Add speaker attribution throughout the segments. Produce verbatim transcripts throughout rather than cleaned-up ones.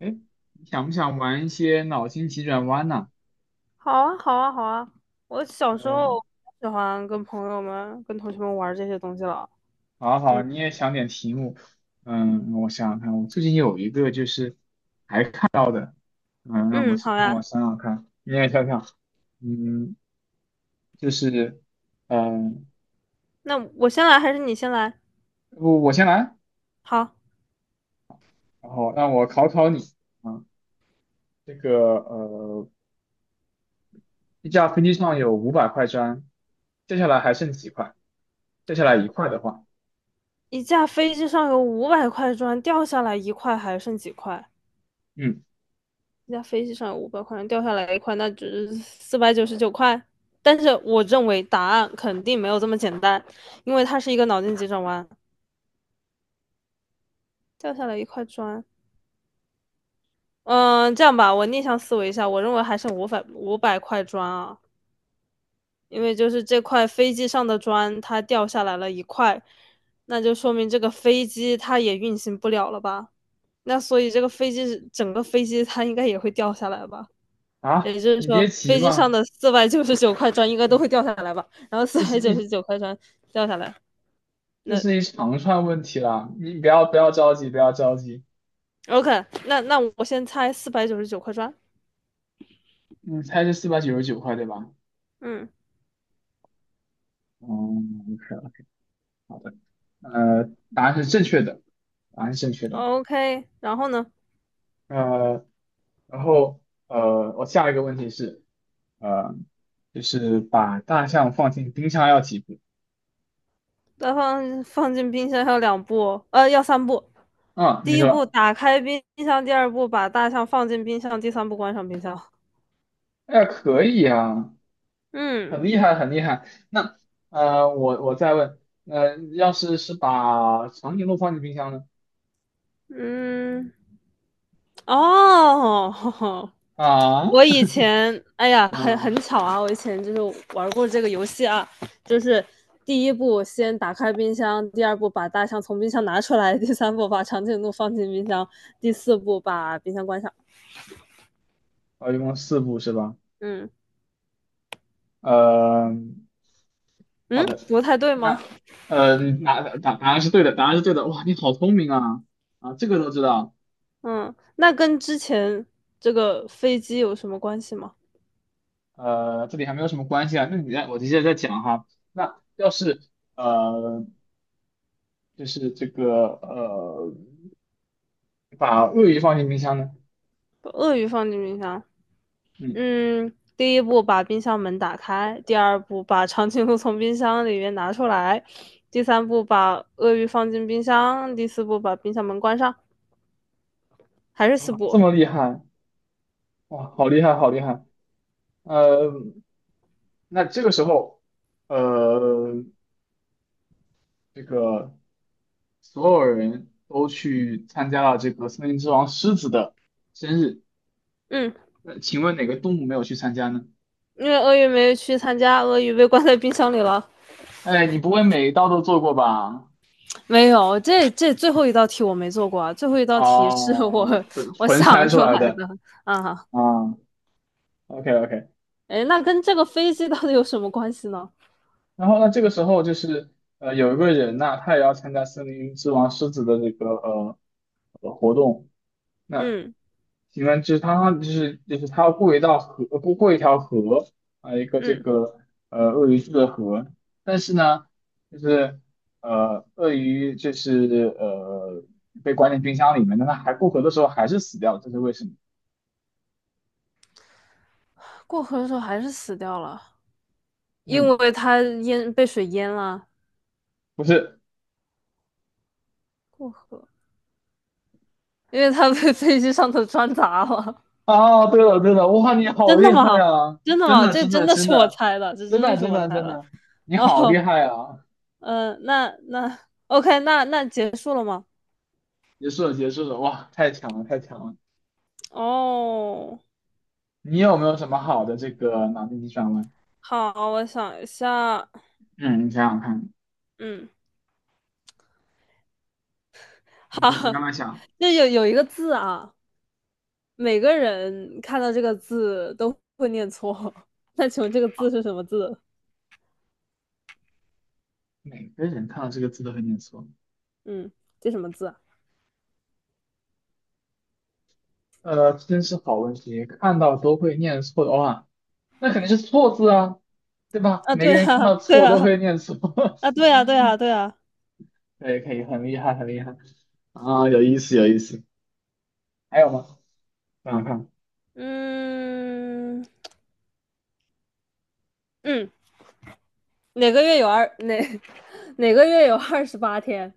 Speaker 1: 哎，你想不想玩一些脑筋急转弯呢？
Speaker 2: 好啊，好啊，好啊！我小时候
Speaker 1: 嗯，
Speaker 2: 喜欢跟朋友们、跟同学们玩这些东西了。
Speaker 1: 好啊好啊，
Speaker 2: 嗯
Speaker 1: 你也想点题目。嗯，我想想看，我最近有一个就是看到的，嗯，让我
Speaker 2: 嗯，
Speaker 1: 想
Speaker 2: 好
Speaker 1: 让我
Speaker 2: 呀。
Speaker 1: 想想看，你也想想，嗯，就是，嗯、
Speaker 2: 那我先来还是你先来？
Speaker 1: 我我先来，
Speaker 2: 好，
Speaker 1: 然后让我考考你啊。这个呃，一架飞机上有五百块砖，接下来还剩几块？接下来一块的话，
Speaker 2: 一架飞机上有五百块砖，掉下来一块，还剩几块？
Speaker 1: 嗯。
Speaker 2: 一架飞机上有五百块砖，掉下来一块，那就是四百九十九块。但是我认为答案肯定没有这么简单，因为它是一个脑筋急转弯。掉下来一块砖，嗯，这样吧，我逆向思维一下，我认为还剩五百五百块砖啊。因为就是这块飞机上的砖它掉下来了一块，那就说明这个飞机它也运行不了了吧？那所以这个飞机整个飞机它应该也会掉下来吧？也
Speaker 1: 啊，
Speaker 2: 就是
Speaker 1: 你
Speaker 2: 说，
Speaker 1: 别急
Speaker 2: 飞机上
Speaker 1: 嘛，
Speaker 2: 的四百九十九块砖应该都会掉下来吧？然后四
Speaker 1: 这
Speaker 2: 百
Speaker 1: 是
Speaker 2: 九
Speaker 1: 一
Speaker 2: 十九块砖掉下来，
Speaker 1: 这
Speaker 2: 那
Speaker 1: 是一长串问题啦，你不要不要着急，不要着急。
Speaker 2: OK，那那我先猜四百九十九块砖，
Speaker 1: 你猜是四百九十九块，对吧？
Speaker 2: 嗯
Speaker 1: 嗯，OK, 好的，呃，答案是正确的，答案是正确的。
Speaker 2: ，OK，然后呢，
Speaker 1: 呃，然后呃，我下一个问题是，呃，就是把大象放进冰箱要几步？
Speaker 2: 再放放进冰箱要两步哦呃，要三步，
Speaker 1: 嗯，
Speaker 2: 第
Speaker 1: 你
Speaker 2: 一步
Speaker 1: 说。
Speaker 2: 打开冰箱，第二步把大象放进冰箱，第三步关上冰箱。
Speaker 1: 哎呀，可以啊，很
Speaker 2: 嗯
Speaker 1: 厉害，很厉害。那呃，我我再问，呃，要是是把长颈鹿放进冰箱呢？
Speaker 2: 嗯，哦，
Speaker 1: 啊，
Speaker 2: 我 以前，哎呀，很很
Speaker 1: 嗯、
Speaker 2: 巧啊，我以前就是玩过这个游戏啊，就是第一步先打开冰箱，第二步把大象从冰箱拿出来，第三步把长颈鹿放进冰箱，第四步把冰箱关上。
Speaker 1: 哦，一共四部是吧？
Speaker 2: 嗯
Speaker 1: 呃，好
Speaker 2: 嗯，
Speaker 1: 的，
Speaker 2: 不太对吗？
Speaker 1: 那呃，答答答案是对的，答案是对的。哇，你好聪明啊！啊，这个都知道。
Speaker 2: 嗯，那跟之前这个飞机有什么关系吗？
Speaker 1: 呃，这里还没有什么关系啊。那你再，我接着再讲哈。那要是呃，就是这个呃，把鳄鱼放进冰箱呢？
Speaker 2: 把鳄鱼放进冰箱。
Speaker 1: 嗯，
Speaker 2: 嗯，第一步把冰箱门打开，第二步把长颈鹿从冰箱里面拿出来，第三步把鳄鱼放进冰箱，第四步把冰箱门关上，还是四
Speaker 1: 啊，这
Speaker 2: 步。
Speaker 1: 么厉害，哇，好厉害，好厉害。呃，那这个时候，呃，这个，所有人都去参加了这个森林之王狮子的生日。
Speaker 2: 嗯，
Speaker 1: 那请问哪个动物没有去参加呢？
Speaker 2: 因为鳄鱼没去参加，鳄鱼被关在冰箱里了。
Speaker 1: 哎，你不会每一道都做过吧？
Speaker 2: 没有，这这最后一道题我没做过啊，最后一道题是我
Speaker 1: 哦，纯
Speaker 2: 我
Speaker 1: 纯
Speaker 2: 想
Speaker 1: 猜出
Speaker 2: 出
Speaker 1: 来
Speaker 2: 来的
Speaker 1: 的
Speaker 2: 啊。
Speaker 1: 啊。OK OK。
Speaker 2: 哎，那跟这个飞机到底有什么关系呢？
Speaker 1: 然后呢，这个时候就是呃，有一个人呐，他也要参加森林之王狮子的这个呃呃活动。那
Speaker 2: 嗯
Speaker 1: 景就是他，就是就是他要过一道河，呃过过一条河啊，一个这
Speaker 2: 嗯，
Speaker 1: 个呃鳄鱼住的河，但是呢，就是呃鳄鱼就是呃被关进冰箱里面，但他还过河的时候还是死掉了，这是为什么？
Speaker 2: 过河的时候还是死掉了，因
Speaker 1: 嗯，
Speaker 2: 为它淹被水淹了。
Speaker 1: 不是。
Speaker 2: 过河，因为他被 飞机上头穿砸了。
Speaker 1: 啊，对了对了，哇，你 好
Speaker 2: 真
Speaker 1: 厉
Speaker 2: 的
Speaker 1: 害
Speaker 2: 吗？
Speaker 1: 啊！
Speaker 2: 真的
Speaker 1: 真
Speaker 2: 吗？
Speaker 1: 的
Speaker 2: 这
Speaker 1: 真
Speaker 2: 真
Speaker 1: 的
Speaker 2: 的
Speaker 1: 真
Speaker 2: 是我
Speaker 1: 的
Speaker 2: 猜的，这
Speaker 1: 真
Speaker 2: 真
Speaker 1: 的
Speaker 2: 的是
Speaker 1: 真
Speaker 2: 我
Speaker 1: 的
Speaker 2: 猜
Speaker 1: 真
Speaker 2: 的。
Speaker 1: 的，你好厉
Speaker 2: 哦，
Speaker 1: 害啊！
Speaker 2: 嗯、呃那那 OK，那那结束了吗？
Speaker 1: 结束了结束了，哇，太强了太强了！
Speaker 2: 哦，
Speaker 1: 你有没有什么好的这个脑筋急转弯？
Speaker 2: 好，我想一下，
Speaker 1: 嗯，你想想看。
Speaker 2: 嗯，好，
Speaker 1: 你你慢 慢想，
Speaker 2: 就有有一个字啊，每个人看到这个字都会念错。那请问这个字是什么字？
Speaker 1: 每个人看到这个字都会念错。
Speaker 2: 嗯，这什么字
Speaker 1: 呃，真是好问题，看到都会念错的话，那肯定是错字啊，对吧？
Speaker 2: 啊，啊
Speaker 1: 每个
Speaker 2: 对啊，
Speaker 1: 人看 到
Speaker 2: 对
Speaker 1: 错都
Speaker 2: 啊，
Speaker 1: 会念错。
Speaker 2: 啊，对啊，对啊，对啊，
Speaker 1: 可以可以，很厉害很厉害。啊，有意思，有意思。还有吗？想想看。
Speaker 2: 嗯嗯。哪个月有二哪哪个月有二十八天？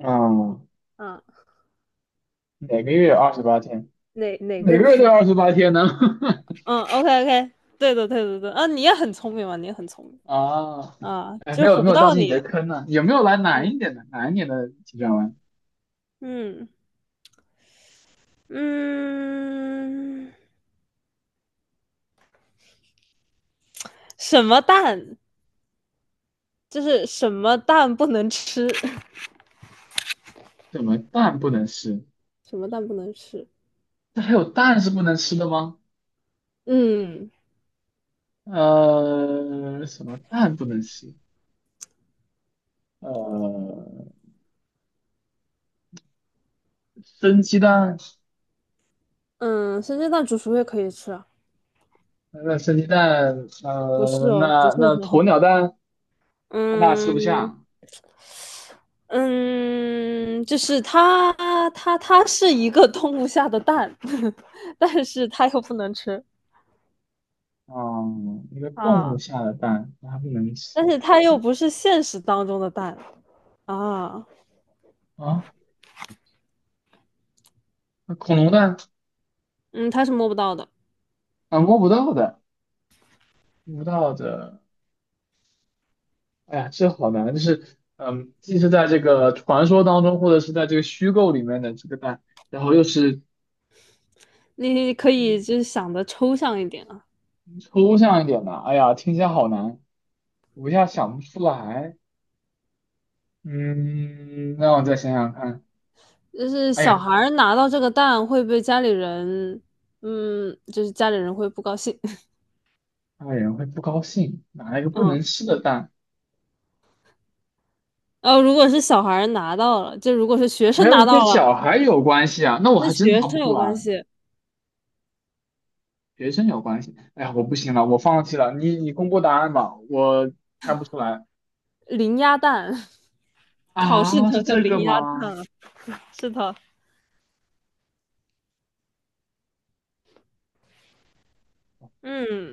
Speaker 1: 啊，
Speaker 2: 啊，
Speaker 1: 每个月有二十八天，
Speaker 2: 哪哪个
Speaker 1: 每个月
Speaker 2: 月？
Speaker 1: 都有 二十八天呢。
Speaker 2: 嗯，OK OK，对的对的对的啊，你也很聪明嘛，你也很聪明
Speaker 1: 啊，
Speaker 2: 啊，
Speaker 1: 哎，没
Speaker 2: 就
Speaker 1: 有
Speaker 2: 唬
Speaker 1: 没
Speaker 2: 不
Speaker 1: 有掉
Speaker 2: 到
Speaker 1: 进你
Speaker 2: 你。
Speaker 1: 的坑呢，有没有来难一
Speaker 2: 嗯
Speaker 1: 点的难一点的急转弯？
Speaker 2: 嗯嗯，什么蛋？就是什么蛋不能吃？
Speaker 1: 什么蛋不能吃？
Speaker 2: 什么蛋不能吃？
Speaker 1: 这还有蛋是不能吃的吗？
Speaker 2: 嗯
Speaker 1: 呃，什么蛋不能吃？呃，生鸡蛋。
Speaker 2: 嗯，生煎蛋、煮熟也可以吃啊？
Speaker 1: 那生鸡蛋，
Speaker 2: 不是
Speaker 1: 呃，
Speaker 2: 哦，不
Speaker 1: 那
Speaker 2: 是
Speaker 1: 那
Speaker 2: 很
Speaker 1: 鸵
Speaker 2: 好。
Speaker 1: 鸟蛋，它爸吃不
Speaker 2: 嗯，
Speaker 1: 下。
Speaker 2: 嗯，就是它，它，它是一个动物下的蛋，但是它又不能吃
Speaker 1: 嗯，一个动
Speaker 2: 啊，
Speaker 1: 物下的蛋，那它不能
Speaker 2: 但
Speaker 1: 吃
Speaker 2: 是它又不是现实当中的蛋啊，
Speaker 1: 啊。那恐龙蛋
Speaker 2: 嗯，它是摸不到的。
Speaker 1: 啊，摸不到的，摸不到的。哎呀，这好难，就是嗯，既是在这个传说当中，或者是在这个虚构里面的这个蛋，然后又是
Speaker 2: 你可以
Speaker 1: 嗯
Speaker 2: 就是想的抽象一点啊，
Speaker 1: 抽象一点的。哎呀，听起来好难，我一下想不出来。嗯，让我再想想看。
Speaker 2: 就是
Speaker 1: 哎
Speaker 2: 小
Speaker 1: 呀，
Speaker 2: 孩儿拿到这个蛋会被家里人，嗯，就是家里人会不高兴，
Speaker 1: 大人会不高兴，哪一个不能
Speaker 2: 嗯，
Speaker 1: 吃的蛋？
Speaker 2: 呃，如果是小孩儿拿到了，就如果是学
Speaker 1: 还
Speaker 2: 生拿
Speaker 1: 有
Speaker 2: 到
Speaker 1: 跟
Speaker 2: 了，
Speaker 1: 小孩有关系啊？那我
Speaker 2: 跟
Speaker 1: 还真
Speaker 2: 学
Speaker 1: 答不
Speaker 2: 生
Speaker 1: 出
Speaker 2: 有
Speaker 1: 来
Speaker 2: 关
Speaker 1: 了。
Speaker 2: 系，
Speaker 1: 学生有关系？哎呀，我不行了，我放弃了。你你公布答案吧，我猜不出来。
Speaker 2: 零鸭蛋，考试
Speaker 1: 啊，
Speaker 2: 得
Speaker 1: 是
Speaker 2: 的
Speaker 1: 这个
Speaker 2: 零鸭蛋
Speaker 1: 吗？
Speaker 2: 了。是的，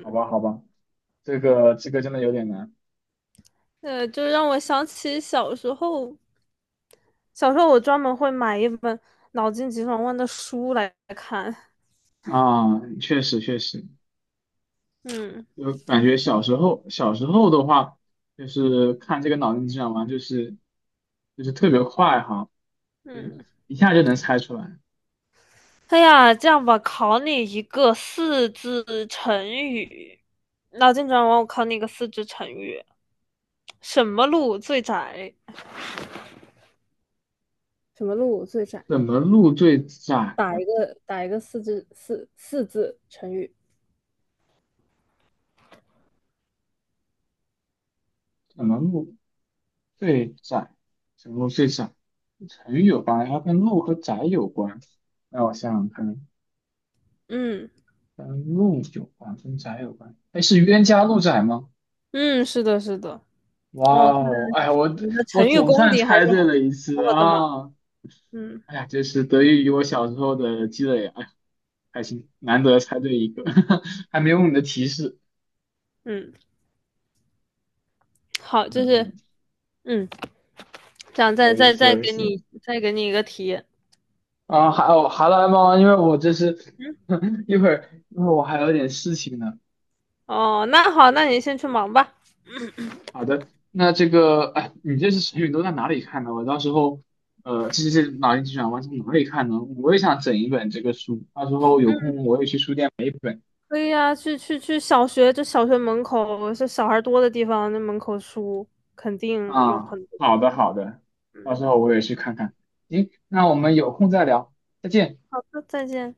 Speaker 1: 好吧，好吧，这个这个真的有点难
Speaker 2: 呃，就让我想起小时候，小时候我专门会买一本脑筋急转弯的书来看。
Speaker 1: 啊。确实确实，
Speaker 2: 嗯
Speaker 1: 就感觉小时候小时候的话，就是看这个脑筋急转弯，就是就是特别快哈。嗯，
Speaker 2: 嗯，
Speaker 1: 一下就能猜出来。
Speaker 2: 哎呀，这样吧，考你一个四字成语，脑筋急转弯，我考你一个四字成语：什么路最窄？什么路最窄？
Speaker 1: 怎么路最窄
Speaker 2: 打
Speaker 1: 啊？
Speaker 2: 一个打一个四字四四字成语。
Speaker 1: 怎么路最窄？怎么路最窄？成语有关，它跟路和窄有关。那我想想看，
Speaker 2: 嗯
Speaker 1: 跟路有关，跟窄有关。哎，是冤家路窄吗？
Speaker 2: 嗯，是的，是的。
Speaker 1: 哇
Speaker 2: 哦，看
Speaker 1: 哦，哎，我
Speaker 2: 你的
Speaker 1: 我
Speaker 2: 成语
Speaker 1: 总
Speaker 2: 功
Speaker 1: 算
Speaker 2: 底还是
Speaker 1: 猜对
Speaker 2: 很
Speaker 1: 了一
Speaker 2: 不
Speaker 1: 次
Speaker 2: 错的嘛。
Speaker 1: 啊！
Speaker 2: 嗯，
Speaker 1: 哎呀，这是得益于我小时候的积累啊，哎呀，开心，难得猜对一个。还没有你的提示。
Speaker 2: 嗯，好，
Speaker 1: 没
Speaker 2: 就
Speaker 1: 有没
Speaker 2: 是
Speaker 1: 有，
Speaker 2: 嗯，这样再
Speaker 1: 有意
Speaker 2: 再
Speaker 1: 思，
Speaker 2: 再
Speaker 1: 有意
Speaker 2: 给
Speaker 1: 思。
Speaker 2: 你再给你一个题。
Speaker 1: 啊，还有好了，猫，因为我这是
Speaker 2: 嗯，
Speaker 1: 一会儿，一会儿我还有点事情呢。
Speaker 2: 哦，那好，那你先去忙吧。
Speaker 1: 好的，那这个，哎，你这些成语都在哪里看的？我到时候，呃，这些脑筋急转弯从哪里看呢？我也想整一本这个书，到时候有
Speaker 2: 嗯，
Speaker 1: 空我也去书店买一本。
Speaker 2: 可以啊，去去去小学，这小学门口是小孩多的地方，那门口书肯定有
Speaker 1: 啊，
Speaker 2: 很多。
Speaker 1: 好的好的，到时
Speaker 2: 嗯，
Speaker 1: 候我也去看看。行，那我们有空再聊，再见。
Speaker 2: 好的，再见。